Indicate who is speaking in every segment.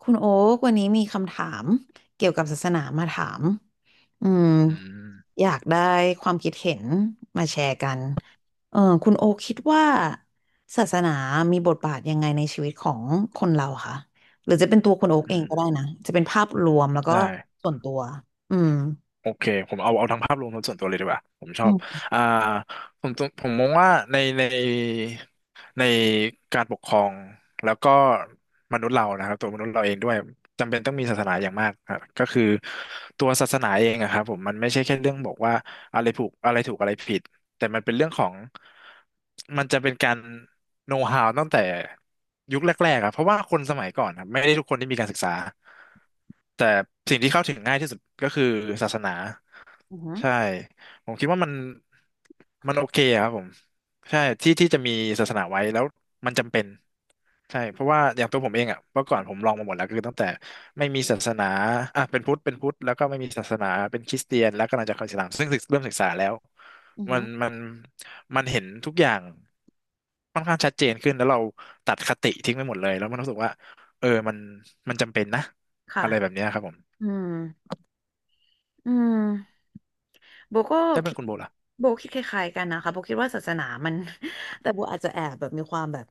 Speaker 1: คุณโอ๊กวันนี้มีคำถามเกี่ยวกับศาสนามาถามอืม
Speaker 2: อืม
Speaker 1: อยากได้ความคิดเห็นมาแชร์กันคุณโอ๊กคิดว่าศาสนามีบทบาทยังไงในชีวิตของคนเราคะหรือจะเป็นตัวคุณโอ๊กเอ
Speaker 2: อื
Speaker 1: งก็
Speaker 2: ม
Speaker 1: ได้นะจะเป็นภาพรวมแล้วก็
Speaker 2: ได้
Speaker 1: ส่วนตัวอืม
Speaker 2: โอเคผมเอาทั้งภาพรวมทั้งส่วนตัวเลยดีกว่าผมช
Speaker 1: อื
Speaker 2: อบ
Speaker 1: ม
Speaker 2: อ่าผมมองว่าในการปกครองแล้วก็มนุษย์เรานะครับตัวมนุษย์เราเองด้วยจำเป็นต้องมีศาสนาอย่างมากครับก็คือตัวศาสนาเองอะครับผมมันไม่ใช่แค่เรื่องบอกว่าอะไรถูกอะไรผิดแต่มันเป็นเรื่องของมันจะเป็นการโน้ h ฮาวตั้งแต่ยุคแรกๆครับเพราะว่าคนสมัยก่อนครับไม่ได้ทุกคนที่มีการศึกษา แต่สิ่งที่เข้าถึงง่ายที่สุดก็คือศาสนา
Speaker 1: อือหือ
Speaker 2: ใช่ผมคิดว่ามันโอเคอะครับผมใช่ที่ที่จะมีศาสนาไว้แล้วมันจำเป็นใช่เพราะว่าอย่างตัวผมเองอ่ะเมื่อก่อนผมลองมาหมดแล้วคือตั้งแต่ไม่มีศาสนาอ่ะเป็นพุทธเป็นพุทธแล้วก็ไม่มีศาสนาเป็นคริสเตียนแล้วก็กำลังจะเข้าอิสลามซึ่งศึกเริ่มศึกษาแล้ว
Speaker 1: อือ
Speaker 2: มั
Speaker 1: หื
Speaker 2: น
Speaker 1: อ
Speaker 2: มันมันเห็นทุกอย่างค่อนข้างชัดเจนขึ้นแล้วเราตัดคติทิ้งไปหมดเลยแล้วมันรู้สึกว่าเออมันจำเป็นนะ
Speaker 1: ค่ะ
Speaker 2: อะไรแบบเนี้ยครับผม
Speaker 1: อืมอืม โบก็
Speaker 2: ถ้าเป็
Speaker 1: คิ
Speaker 2: น
Speaker 1: ด
Speaker 2: คุณโบล่ะ
Speaker 1: โบคิดคล้ายๆกันนะคะโบคิดว่าศาสนามัน แต่โบอาจจะแอบแบบมีความแบบ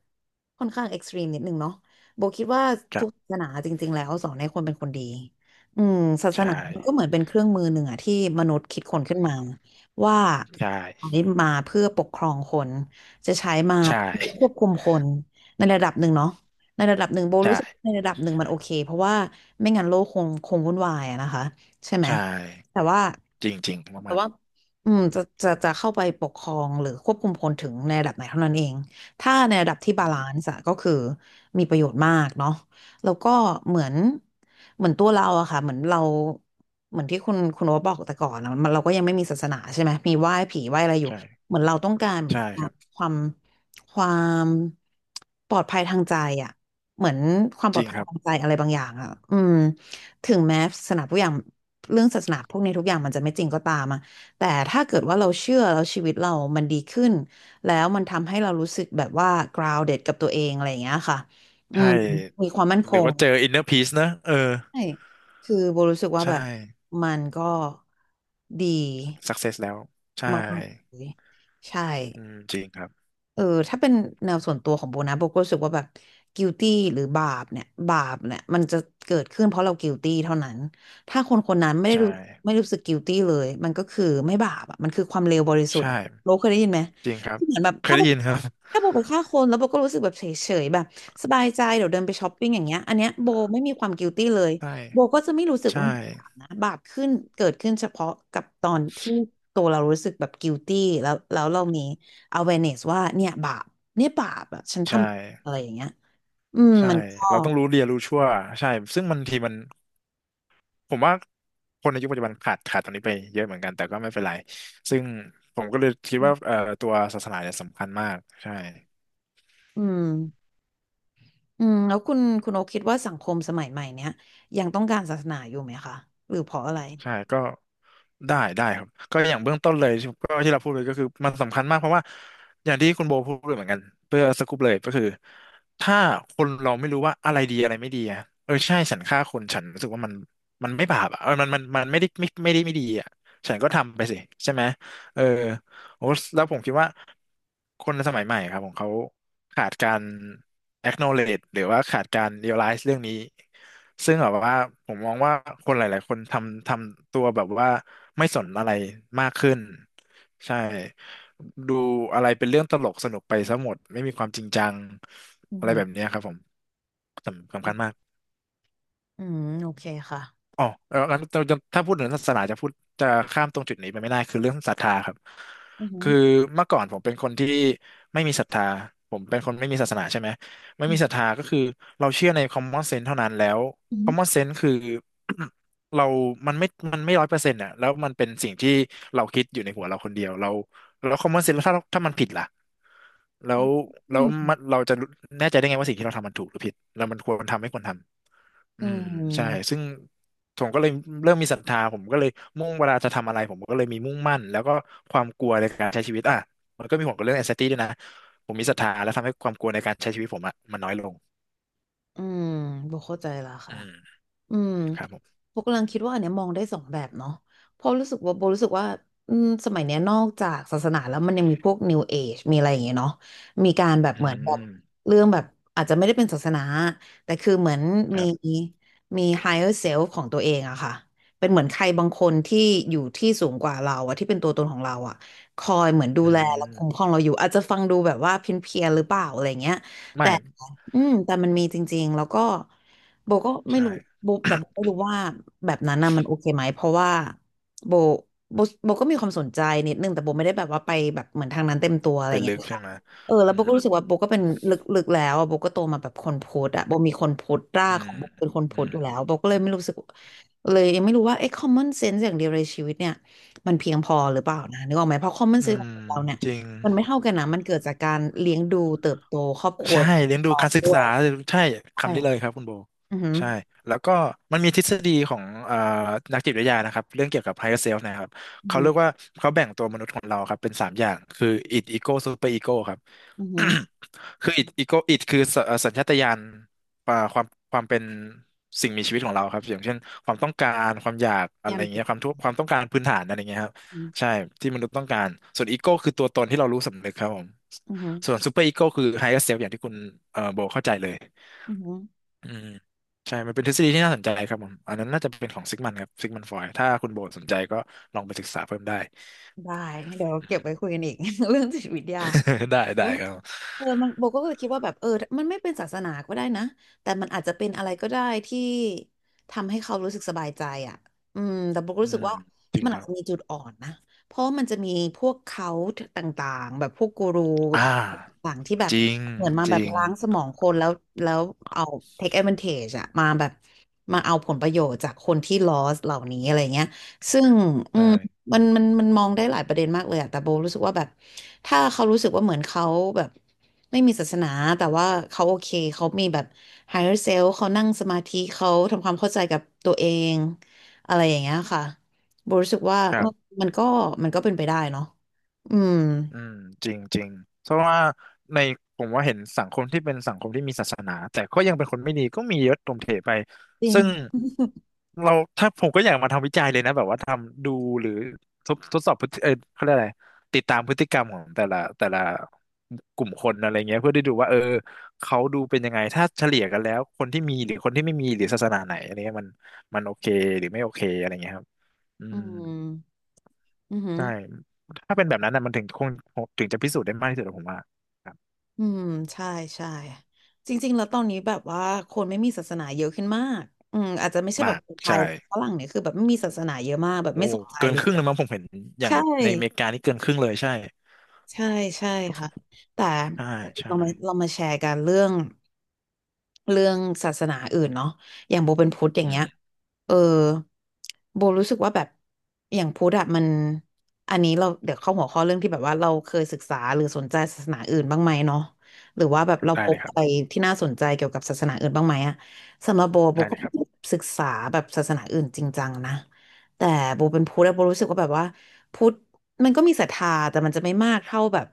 Speaker 1: ค่อนข้างเอ็กซ์ตรีมนิดนึงเนาะโบคิดว่า
Speaker 2: ค
Speaker 1: ทุ
Speaker 2: รั
Speaker 1: กศา
Speaker 2: บ
Speaker 1: สนาจริงๆแล้วสอนให้คนเป็นคนดีอืมศาส
Speaker 2: ใช่
Speaker 1: นามันก็เหมือนเป็นเครื่องมือหนึ่งอะที่มนุษย์คิดคนขึ้นมาว่า
Speaker 2: ใช่
Speaker 1: ใช้มาเพื่อปกครองคนจะใช้มา
Speaker 2: ใช่
Speaker 1: เพื่อควบคุมคนในระดับหนึ่งเนาะในระดับหนึ่งโบ
Speaker 2: ใช่
Speaker 1: รู้สึกว่าในระดับหนึ่งมันโอเคเพราะว่าไม่งั้นโลกคงวุ่นวายอะนะคะใช่ไหม
Speaker 2: ใช่
Speaker 1: แต่ว่า
Speaker 2: จริงจริง
Speaker 1: แต่
Speaker 2: มาก
Speaker 1: ว่าอืมจะเข้าไปปกครองหรือควบคุมคนถึงในระดับไหนเท่านั้นเองถ้าในระดับที่
Speaker 2: ๆอื
Speaker 1: บาลา
Speaker 2: ม
Speaker 1: นซ์อะก็คือมีประโยชน์มากเนาะแล้วก็เหมือนเหมือนตัวเราอะค่ะเหมือนเราเหมือนที่คุณโอ๊ตบอกแต่ก่อนอะมันเราก็ยังไม่มีศาสนาใช่ไหมมีไหว้ผีไหว้อะไรอยู่
Speaker 2: ใช่
Speaker 1: เหมือนเราต้องการเหมือน
Speaker 2: ใช่
Speaker 1: ควา
Speaker 2: ค
Speaker 1: ม
Speaker 2: รับ
Speaker 1: ความความปลอดภัยทางใจอะเหมือนความป
Speaker 2: จ
Speaker 1: ลอ
Speaker 2: ริ
Speaker 1: ด
Speaker 2: ง
Speaker 1: ภัย
Speaker 2: ครับ
Speaker 1: ทางใจอะไรบางอย่างอะอืมถึงแม้ศาสนาทุกอย่าง เรื่องศาสนาพวกนี้ทุกอย่างมันจะไม่จริงก็ตามอะแต่ถ้าเกิดว่าเราเชื่อแล้วชีวิตเรามันดีขึ้นแล้วมันทำให้เรารู้สึกแบบว่า grounded กับตัวเองอะไรอย่างเงี้ยค่ะอื
Speaker 2: ใช่
Speaker 1: มมีความมั่นค
Speaker 2: หรือ
Speaker 1: ง
Speaker 2: ว่าเจออินเนอร์พีซนะเออ
Speaker 1: ใช่คือโบรู้สึกว่า
Speaker 2: ใช่
Speaker 1: แบบมันก็ดี
Speaker 2: สักเซสแล้วใช่
Speaker 1: มากๆเลยใช่
Speaker 2: อืมจริงครับ
Speaker 1: เออถ้าเป็นแนวส่วนตัวของโบนะโบก็รู้สึกว่าแบบ guilty หรือบาปเนี่ยบาปเนี่ยมันจะเกิดขึ้นเพราะเรา guilty เท่านั้นถ้าคนคนนั้นไม่ได้
Speaker 2: ใช่
Speaker 1: รู้ไม่รู้สึก guilty เลยมันก็คือไม่บาปอ่ะมันคือความเลวบริสุทธิ์
Speaker 2: ใช่
Speaker 1: อะโบเคยได้ยินไหม
Speaker 2: จริงครับ
Speaker 1: ที่เหมือนแบบ
Speaker 2: เค
Speaker 1: ถ้า
Speaker 2: ย
Speaker 1: โบ
Speaker 2: ได้ยินครับ
Speaker 1: ถ้าโบไปฆ่าคนแล้วโบก็รู้สึกแบบเฉยๆแบบสบายใจเดี๋ยวเดินไปช้อปปิ้งอย่างเงี้ยอันเนี้ยโบไม่มีความ guilty เลย
Speaker 2: ใช่
Speaker 1: โบก็จะไม่รู้สึกว่า
Speaker 2: ใช่
Speaker 1: มันบาปนะบาปขึ้นเกิดขึ้นเฉพาะกับตอนที่ตัวเรารู้สึกแบบ guilty แล้วเรามี awareness ว่าเนี่ยบาปเนี่ยบาปอะฉันท
Speaker 2: ใช่
Speaker 1: ำอะไรอย่างเงี้ยอืม
Speaker 2: ใช่
Speaker 1: มันก็
Speaker 2: เราต้องรู้เรียนรู้ชั่วใช่ซึ่งบางทีมัน ผมว่าคนในยุคปัจจุบันขาดตรงนี้ไปเยอะเหมือนกันแต่ก็ไม่เป็นไรซึ่งผมก็เลยคิดว่าตัวศาสนาเนี่ยสำคัญมากใช่
Speaker 1: อืมอืมแล้วคุณโอคิดว่าสังคมสมัยใหม่เนี้ยยังต้องการศาสนาอยู่ไหมคะหรือเพราะอะไร
Speaker 2: ใช่ก็ได้ได้ครับก็อย่างเบื้องต้นเลยที่ก็ที่เราพูดเลยก็คือมันสำคัญมากเพราะว่าอย่างที่คุณโบพูดเลยเหมือนกันเพื่อสรุปเลยก็คือถ้าคนเราไม่รู้ว่าอะไรดีอะไรไม่ดีอะเออใช่ฉันฆ่าคนฉันรู้สึกว่ามันไม่บาปอ่ะเออมันไม่ได้ไม่ได้ไม่ดีอ่ะฉันก็ทำไปสิใช่ไหมเออ โอ้แล้วผมคิดว่าคนสมัยใหม่ครับของเขาขาดการ acknowledge หรือว่าขาดการ realize เรื่องนี้ซึ่งแบบว่าผมมองว่าคนหลายๆคนทำตัวแบบว่าไม่สนอะไรมากขึ้นใช่ดูอะไรเป็นเรื่องตลกสนุกไปซะหมดไม่มีความจริงจัง
Speaker 1: อือ
Speaker 2: อะไร
Speaker 1: หือ
Speaker 2: แบบเนี้ยครับผมสำคัญมาก
Speaker 1: อืมโอเคค่ะ
Speaker 2: อ๋อแล้วถ้าพูดถึงศาสนาจะข้ามตรงจุดนี้ไปไม่ได้คือเรื่องศรัทธาครับ
Speaker 1: อือหือ
Speaker 2: คือเมื่อก่อนผมเป็นคนที่ไม่มีศรัทธาผมเป็นคนไม่มีศาสนาใช่ไหมไม่
Speaker 1: อื
Speaker 2: มีศรัท
Speaker 1: ม
Speaker 2: ธาก็คือเราเชื่อใน common sense เท่านั้นแล้ว
Speaker 1: อืม
Speaker 2: common sense คือ เรามันไม่มันไม่ร้อยเปอร์เซ็นต์อ่ะแล้วมันเป็นสิ่งที่เราคิดอยู่ในหัวเราคนเดียวเราแล้ว common sense แล้วถ้ามันผิดล่ะแล้วแล้
Speaker 1: อื
Speaker 2: วมั
Speaker 1: ม
Speaker 2: นเราจะแน่ใจได้ไงว่าสิ่งที่เราทำมันถูกหรือผิดแล้วมันควรทำไม่ควรทำ อื
Speaker 1: อืม
Speaker 2: ม
Speaker 1: อืม
Speaker 2: ใช่ซึ่งผมก็เลยเริ่มมีศรัทธาผมก็เลยมุ่งเวลาจะทำอะไรผมก็เลยมีมุ่งมั่นแล้วก็ความกลัวในการใช้ชีวิตอ่ะมันก็มีผลกับเรื่อง anxiety ด้วยนะผมมีศรัทธาแล้วทำให้ความกลัวในการใช้ชีวิตผมอ่ะมันน้อยลง
Speaker 1: อืมโบเข้าใจแล้ว
Speaker 2: อื
Speaker 1: ค่ะ
Speaker 2: ม
Speaker 1: อืม
Speaker 2: ครับผม
Speaker 1: โบกำลังคิดว่าอันเนี้ยมองได้สองแบบเนาะเพราะรู้สึกว่าโบรู้สึกว่าอืมสมัยเนี้ยนอกจากศาสนาแล้วมันยังมีพวก New Age มีอะไรอย่างเงี้ยเนาะมีการแบบ
Speaker 2: อื
Speaker 1: เหมือนแบบ
Speaker 2: ม
Speaker 1: เรื่องแบบอาจจะไม่ได้เป็นศาสนาแต่คือเหมือน
Speaker 2: ค
Speaker 1: มี
Speaker 2: รับ
Speaker 1: มี higher self ของตัวเองอะค่ะเป็นเหมือนใครบางคนที่อยู่ที่สูงกว่าเราอะที่เป็นตัวตนของเราอะคอยเหมือนดู
Speaker 2: อื
Speaker 1: แลและคุ้ม
Speaker 2: ม
Speaker 1: ครองเราอยู่อาจจะฟังดูแบบว่าเพี้ยนๆหรือเปล่าอะไรเงี้ย
Speaker 2: ไม่
Speaker 1: อืมแต่มันมีจริงๆแล้วก็โบก็ไม่
Speaker 2: ใช่
Speaker 1: รู้โบแต่โบไม่รู้ว่าแบบนั้นน่ะมันโอเคไหมเพราะว่าโบโบโบก็มีความสนใจนิดนึงแต่โบไม่ได้แบบว่าไปแบบเหมือนทางนั้นเต็มตัวอะไรอ
Speaker 2: เป็น
Speaker 1: ย่าง
Speaker 2: ลึ
Speaker 1: เงี้ย
Speaker 2: กใช่
Speaker 1: ค่ะ
Speaker 2: ไหม
Speaker 1: แล้
Speaker 2: อื
Speaker 1: วโบ
Speaker 2: ม
Speaker 1: ก็รู้สึกว่าโบก็เป็นลึกๆแล้วอะโบก็โตมาแบบคนพุทธอะโบมีคนพุทธรา
Speaker 2: อื
Speaker 1: กขอ
Speaker 2: ม
Speaker 1: งโบเป็นคน
Speaker 2: อื
Speaker 1: พุทธ
Speaker 2: ม
Speaker 1: อยู่แล้วโบก็เลยไม่รู้สึกเลยยังไม่รู้ว่าไอ้ common sense อย่างเดียวในชีวิตเนี่ยมันเพียงพอหรือเปล่านะนึกออกไหมเพราะ common
Speaker 2: อื
Speaker 1: sense ขอ
Speaker 2: ม
Speaker 1: งเราเนี่ย
Speaker 2: จริง
Speaker 1: มันไม่เท่ากันนะมันเกิดจากการเลี้ยงดูเติบโตครอบครัว
Speaker 2: ใช่เลี้ยง
Speaker 1: ก
Speaker 2: ดู
Speaker 1: รอบ
Speaker 2: การศึก
Speaker 1: ด้ว
Speaker 2: ษา
Speaker 1: ย
Speaker 2: ใช่
Speaker 1: ใช่
Speaker 2: คำนี้เลยครับคุณโบ
Speaker 1: อือหือ
Speaker 2: ใช่แล้วก็มันมีทฤษฎีของนักจิตวิทยานะครับเรื่องเกี่ยวกับ higher self นะครับ
Speaker 1: อือ
Speaker 2: เขา
Speaker 1: หือ
Speaker 2: เรียกว่าเขาแบ่งตัวมนุษย์ของเราครับเป็นสามอย่างคือ id ego super ego ครับ
Speaker 1: อือหือ
Speaker 2: คือ id ego id คือสเอ่อสัญชาตญาณอ่าความความเป็นสิ่งมีชีวิตของเราครับอย่างเช่นความต้องการความอยากอะไร
Speaker 1: ย่า
Speaker 2: อย่าง
Speaker 1: ติ
Speaker 2: เงี้ย
Speaker 1: ด
Speaker 2: ความต้องการพื้นฐานอะไรอย่างเงี้ยครับใช่ที่มนุษย์ต้องการส่วนอีโก้คือตัวตนที่เรารู้สำนึกครับผม
Speaker 1: อือหือ
Speaker 2: ส่วนซูเปอร์อีโก้คือไฮเออร์เซลอย่างที่คุณโบเข้าใจเลย
Speaker 1: อือหือ
Speaker 2: อืมใช่มันเป็นทฤษฎีที่น่าสนใจครับผมอันนั้นน่าจะเป็นของซิกมันครับซิกมันฟรอยด์ถ้าคุณโบสนใจก็ลองไปศึกษาเพิ่มได้
Speaker 1: ได้เดี๋ยวเก็
Speaker 2: อืม
Speaker 1: บไว้คุยกันอีก เรื่องจิตวิทยา
Speaker 2: ได้ได้ครับ
Speaker 1: มันโบก็เลยคิดว่าแบบมันไม่เป็นศาสนาก็ได้นะ แต่มันอาจจะเป็นอะไรก็ได้ที่ทำให้เขารู้สึกสบายใจอ่ะอืมแต่โบก็
Speaker 2: อื
Speaker 1: รู้สึก
Speaker 2: ม
Speaker 1: ว่า
Speaker 2: จริง
Speaker 1: มัน
Speaker 2: ค
Speaker 1: อาจ
Speaker 2: รับ
Speaker 1: จะมีจุดอ่อนนะ เพราะมันจะมีพวกเขาต่างๆแบบพวกกูรู
Speaker 2: อ่า
Speaker 1: ต่างๆที่แบบ
Speaker 2: จริง
Speaker 1: เหมือนมา
Speaker 2: จ
Speaker 1: แบบ
Speaker 2: ริง
Speaker 1: ล้างสมองคนแล้วแล้วเอา take advantage อะมาแบบมาเอาผลประโยชน์จากคนที่ lost เหล่านี้อะไรเงี้ยซึ่งอืม
Speaker 2: ใช่
Speaker 1: มันมองได้หลายประเด็นมากเลยอะแต่โบรู้สึกว่าแบบถ้าเขารู้สึกว่าเหมือนเขาแบบ ไม่มีศาสนาแต่ว่าเขาโอเคเขามีแบบ higher self เขานั่งสมาธิเขาทำความเข้าใจกับตัวเองอะไรอย่างเงี้ยค่ะโบรู้สึกว่า
Speaker 2: ค
Speaker 1: เอ
Speaker 2: รั
Speaker 1: อ
Speaker 2: บ
Speaker 1: มันก็มันก็เป็นไปได้เนาะอืม
Speaker 2: อืมจริงจริงเพราะว่าในผมว่าเห็นสังคมที่เป็นสังคมที่มีศาสนาแต่ก็ยังเป็นคนไม่ดีก็มีเยอะตรงเถไป
Speaker 1: จริง
Speaker 2: ซึ่งเราถ้าผมก็อยากมาทำวิจัยเลยนะแบบว่าทำดูหรือทดสอบพฤติเขาเรียกอะไรติดตามพฤติกรรมของแต่ละกลุ่มคนอะไรเงี้ยเพื่อได้ดูว่าเออเขาดูเป็นยังไงถ้าเฉลี่ยกันแล้วคนที่มีหรือคนที่ไม่มีหรือศาสนาไหนอะไรเงี้ยมันโอเคหรือไม่โอเคอะไรเงี้ยครับอื
Speaker 1: อื
Speaker 2: ม
Speaker 1: มอือหือ
Speaker 2: ใช่ถ้าเป็นแบบนั้นนะมันถึงคงถึงจะพิสูจน์ได้มากที่สุดอะผมว่าครับ
Speaker 1: อืมใช่ใช่จริงๆแล้วตอนนี้แบบว่าคนไม่มีศาสนาเยอะขึ้นมากอืมอาจจะไม่ใช่แบ
Speaker 2: มา
Speaker 1: บ
Speaker 2: ก
Speaker 1: คนไท
Speaker 2: ใช่
Speaker 1: ยฝรั่งเนี่ยคือแบบไม่มีศาสนาเยอะมากแบบ
Speaker 2: โอ้
Speaker 1: ไม่สนใจ
Speaker 2: เกิน
Speaker 1: เล
Speaker 2: ครึ่งเลย
Speaker 1: ย
Speaker 2: มั้งผมเห็นอย่าง
Speaker 1: ใช่
Speaker 2: ในอเมริกานี่เกินครึ่งเลยใช่
Speaker 1: ใช่ใช่ค่ะแต่
Speaker 2: ใช่ใช่
Speaker 1: เรามาแชร์กันเรื่องศาสนาอื่นเนาะอย่างโบเป็นพุทธอย่าง
Speaker 2: อื
Speaker 1: เงี้ย
Speaker 2: ม
Speaker 1: เออโบรู้สึกว่าแบบอย่างพุทธอะมันอันนี้เราเดี๋ยวเข้าหัวข้อเรื่องที่แบบว่าเราเคยศึกษาหรือสนใจศาสนาอื่นบ้างไหมเนาะหรือว่าแบบเราพ
Speaker 2: ได้เล
Speaker 1: บ
Speaker 2: ยครั
Speaker 1: อะ
Speaker 2: บ
Speaker 1: ไรที่น่าสนใจเกี่ยวกับศาสนาอื่นบ้างไหมอะสำหรับโบโบ
Speaker 2: ได้เล
Speaker 1: ก็
Speaker 2: ยครับ
Speaker 1: ศึกษาแบบศาสนาอื่นจริงจังนะแต่โบเป็นพุทธอะโบรู้สึกว่าแบบว่า พุทธมันก็มีศรัทธาแต่มันจะไม่มากเท่าแบบ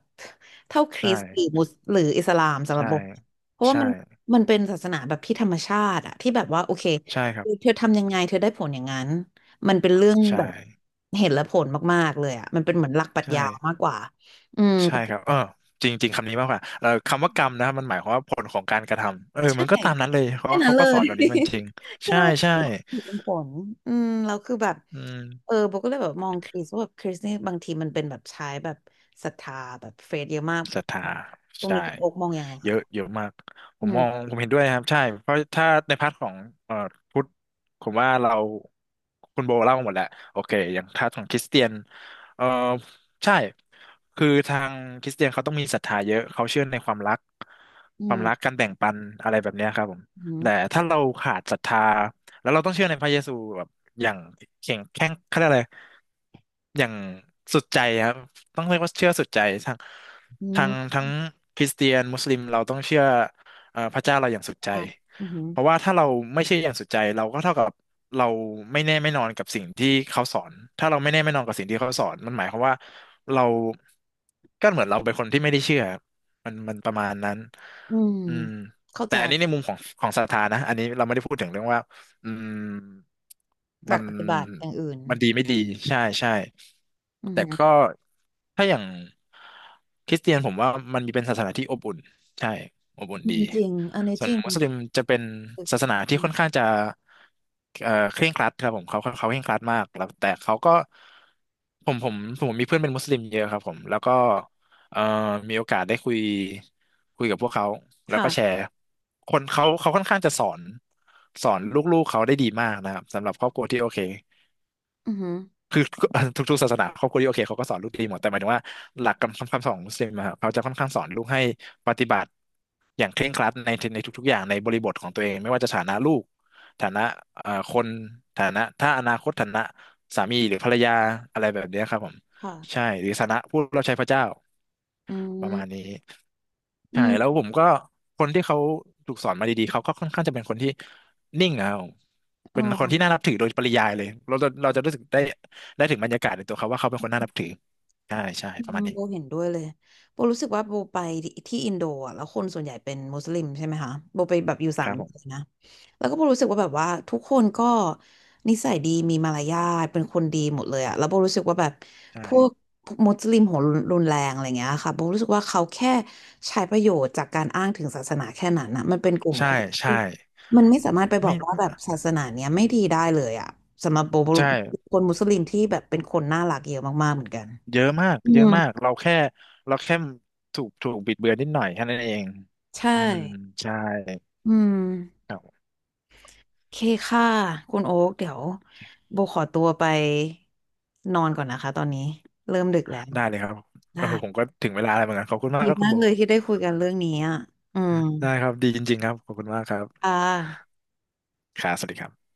Speaker 1: เท่าค
Speaker 2: ได
Speaker 1: ริสต์หรือ
Speaker 2: ่
Speaker 1: มุสหรืออิสลามสำหรั
Speaker 2: ใช่
Speaker 1: บผมเพราะว่า
Speaker 2: ใช่
Speaker 1: มันมันเป็นศาสนาแบบที่ธรรมชาติอะที่แบบว่าโอเค
Speaker 2: ใช่ครับ
Speaker 1: เธอทำยังไงเธอได้ผลอย่างนั้นมันเป็นเรื่องแบ
Speaker 2: ใช่
Speaker 1: บเห็นและผลมากๆเลยอะมันเป็นเหมือนหลักปรัช
Speaker 2: ใช่
Speaker 1: ญามากกว่าอืม
Speaker 2: ใช่ครับเออจริงๆคำนี้มากกว่าคำว่ากรรมนะมันหมายความว่าผลของการกระทำ
Speaker 1: ใช่
Speaker 2: มันก็ตามนั้นเลยเพราะ
Speaker 1: แค่
Speaker 2: ว่า
Speaker 1: นั้น
Speaker 2: เขา
Speaker 1: เล
Speaker 2: ก็สอ
Speaker 1: ย
Speaker 2: นแบบนี้มันจ ริง
Speaker 1: แค่
Speaker 2: ใช่
Speaker 1: นั้นเลย
Speaker 2: ใช่
Speaker 1: เป็นผลอืมแล้วคือแบบ
Speaker 2: อื
Speaker 1: เอ
Speaker 2: ม
Speaker 1: อโบก็เลยแบบมองคริสว่าแบบคริสนี่บางทีมันเป็นแบบใช้แบบศรัทธาแบบเฟซเยอะมาก
Speaker 2: ศรัทธา
Speaker 1: ตรง
Speaker 2: ใช่
Speaker 1: นี้คุณโอ๊กมองยังไง
Speaker 2: เย
Speaker 1: คะ
Speaker 2: อะเยอะมากผ
Speaker 1: อื
Speaker 2: มม
Speaker 1: ม
Speaker 2: องผมเห็นด้วยนะครับใช่เพราะถ้าในพาร์ทของเอ่อพุทธผมว่าเราคุณโบเล่าหมดแล้วโอเคอย่างพาร์ทของคริสเตียนเอ่อใช่คือทางคริสเตียนเขาต้องมีศรัทธาเยอะเขาเชื่อในความรัก
Speaker 1: อื
Speaker 2: ความ
Speaker 1: ม
Speaker 2: รักการแบ่งปันอะไรแบบเนี้ยครับผม
Speaker 1: อื
Speaker 2: แต่
Speaker 1: ม
Speaker 2: ถ้าเราขาดศรัทธาแล้วเราต้องเชื่อในพระเยซูแบบอย่างแข็งแข็งเขาเรียกอะไรอย่างสุดใจครับต้องเรียกว่าเชื่อสุดใจทาง
Speaker 1: อื
Speaker 2: ทาง
Speaker 1: ม
Speaker 2: ทั้งคริสเตียนมุสลิมเราต้องเชื่อพระเจ้าเราอย่างสุดใจ
Speaker 1: ว้าวอืม
Speaker 2: เพราะว่าถ้าเราไม่เชื่ออย่างสุดใจเราก็เท่ากับเราไม่แน่ไม่นอนกับสิ่งที่เขาสอนถ้าเราไม่แน่ไม่นอนกับสิ่งที่เขาสอนมันหมายความว่าเราก็เหมือนเราเป็นคนที่ไม่ได้เชื่อมันประมาณนั้น
Speaker 1: อืม
Speaker 2: อืม
Speaker 1: เข้า
Speaker 2: แต่
Speaker 1: ใจ
Speaker 2: อันนี้ในมุมของของศรัทธานะอันนี้เราไม่ได้พูดถึงเรื่องว่าอืม
Speaker 1: ห
Speaker 2: มั
Speaker 1: ลัก
Speaker 2: น
Speaker 1: ปฏิบัติอย่างอื่น
Speaker 2: มันดีไม่ดีใช่ใช่
Speaker 1: อื
Speaker 2: แต่ก็
Speaker 1: ม
Speaker 2: ถ้าอย่างคริสเตียนผมว่ามันมีเป็นศาสนาที่อบอุ่นใช่อบอุ่น
Speaker 1: อื
Speaker 2: ดี
Speaker 1: มจริงอันนี้
Speaker 2: ส่
Speaker 1: จ
Speaker 2: วน
Speaker 1: ริง
Speaker 2: มุสลิมจะเป็นศาสนาที่
Speaker 1: อื
Speaker 2: ค่อน
Speaker 1: ม
Speaker 2: ข้างจะเคร่งครัดครับผมเขาเคร่งครัดมากแล้วแต่เขาก็ผมผมผมมีเพื่อนเป็นมุสลิมเยอะครับผมแล้วก็เอ่อมีโอกาสได้คุยกับพวกเขาแล้วก็แช
Speaker 1: ค่ะ
Speaker 2: ร์คนเขาเขาค่อนข้างจะสอนสอนลูกๆเขาได้ดีมากนะครับสำหรับครอบครัวที่โอเค
Speaker 1: อืม
Speaker 2: คือ ทุกๆศาสนาครอบครัวที่โอเคเขาก็สอนลูกดีหมดแต่หมายถึงว่าหลักคำสอนของมุสลิมอะครับเขาจะค่อนข้างสอนลูกให้ปฏิบัติอย่างเคร่งครัดในในทุกๆอย่างในบริบทของตัวเองไม่ว่าจะฐานะลูกฐานะคนฐานะถ้าอนาคตฐานะสามีหรือภรรยาอะไรแบบเนี้ยครับผม
Speaker 1: ค่ะ
Speaker 2: ใช่หรือฐานะผู้รับใช้พระเจ้า
Speaker 1: อื
Speaker 2: ประ
Speaker 1: ม
Speaker 2: มาณนี้
Speaker 1: อื
Speaker 2: ใช่แล้ว
Speaker 1: ม
Speaker 2: ผมก็คนที่เขาถูกสอนมาดีๆเขาก็ค่อนข้างจะเป็นคนที่นิ่งเอา
Speaker 1: อ๋
Speaker 2: เป็นคนที่น่านับถือโดยปริยายเลยเราจะรู้สึกได้
Speaker 1: อ
Speaker 2: ได้ถึงบรรยากาศในตัวเขาว่าเขาเป็นคนน่านับถือใช่ใช่
Speaker 1: อื
Speaker 2: ประ
Speaker 1: ม
Speaker 2: มาณนี้
Speaker 1: โบเห็นด้วยเลยโบรู้สึกว่าโบไปที่อินโดอ่ะแล้วคนส่วนใหญ่เป็นมุสลิมใช่ไหมคะโบไปแบบอยู่สา
Speaker 2: ค
Speaker 1: ม
Speaker 2: รับ
Speaker 1: เดื
Speaker 2: ผ
Speaker 1: อ
Speaker 2: ม
Speaker 1: นนะ แล้วก็โบรู้สึกว่าแบบว่าทุกคนก็นิสัยดีมีมารยาทเป็นคนดีหมดเลยอ่ะแล้วโบรู้สึกว่าแบบพ
Speaker 2: ใช่
Speaker 1: วกมุสลิมหัวรุนแรงอะไรเงี้ยค่ะโบรู้สึกว่าเขาแค่ใช้ประโยชน์จากการอ้างถึงศาสนาแค่นั้นนะมันเป็นกลุ่ม
Speaker 2: ใช่
Speaker 1: คน
Speaker 2: ใช่
Speaker 1: ที่มันไม่สามารถไปบอ
Speaker 2: ไม่
Speaker 1: กว่าแบบศาสนาเนี้ยไม่ดีได้เลยอ่ะสำหรับโบโบ
Speaker 2: ใช่
Speaker 1: คนมุสลิมที่แบบเป็นคนน่ารักเยอะมากๆเหมือนกัน
Speaker 2: เยอะมาก
Speaker 1: อื
Speaker 2: เย
Speaker 1: ม
Speaker 2: อะมากเราแค่เราแค่ถูกบิดเบือนนิดหน่อยแค่นั้นเอง
Speaker 1: ใช่
Speaker 2: อืมใช่
Speaker 1: อืม
Speaker 2: ครับ
Speaker 1: เคค่ะ คุณโอ๊กเดี๋ยวโบขอตัวไปนอนก่อนนะคะตอนนี้เริ่มดึกแล้ว
Speaker 2: ได้เลยครับเอ
Speaker 1: ได้
Speaker 2: อผมก็ถึงเวลาแล้วเหมือนกันขอบคุณมา
Speaker 1: ดี
Speaker 2: กครับคุ
Speaker 1: มา
Speaker 2: ณ
Speaker 1: ก
Speaker 2: โบ
Speaker 1: เลยที่ได้คุยกันเรื่องนี้อ่ะ อืม
Speaker 2: ได้ครับดีจริงๆครับขอบคุณมากครั
Speaker 1: ค่ะ
Speaker 2: บครับสวัสดีครับ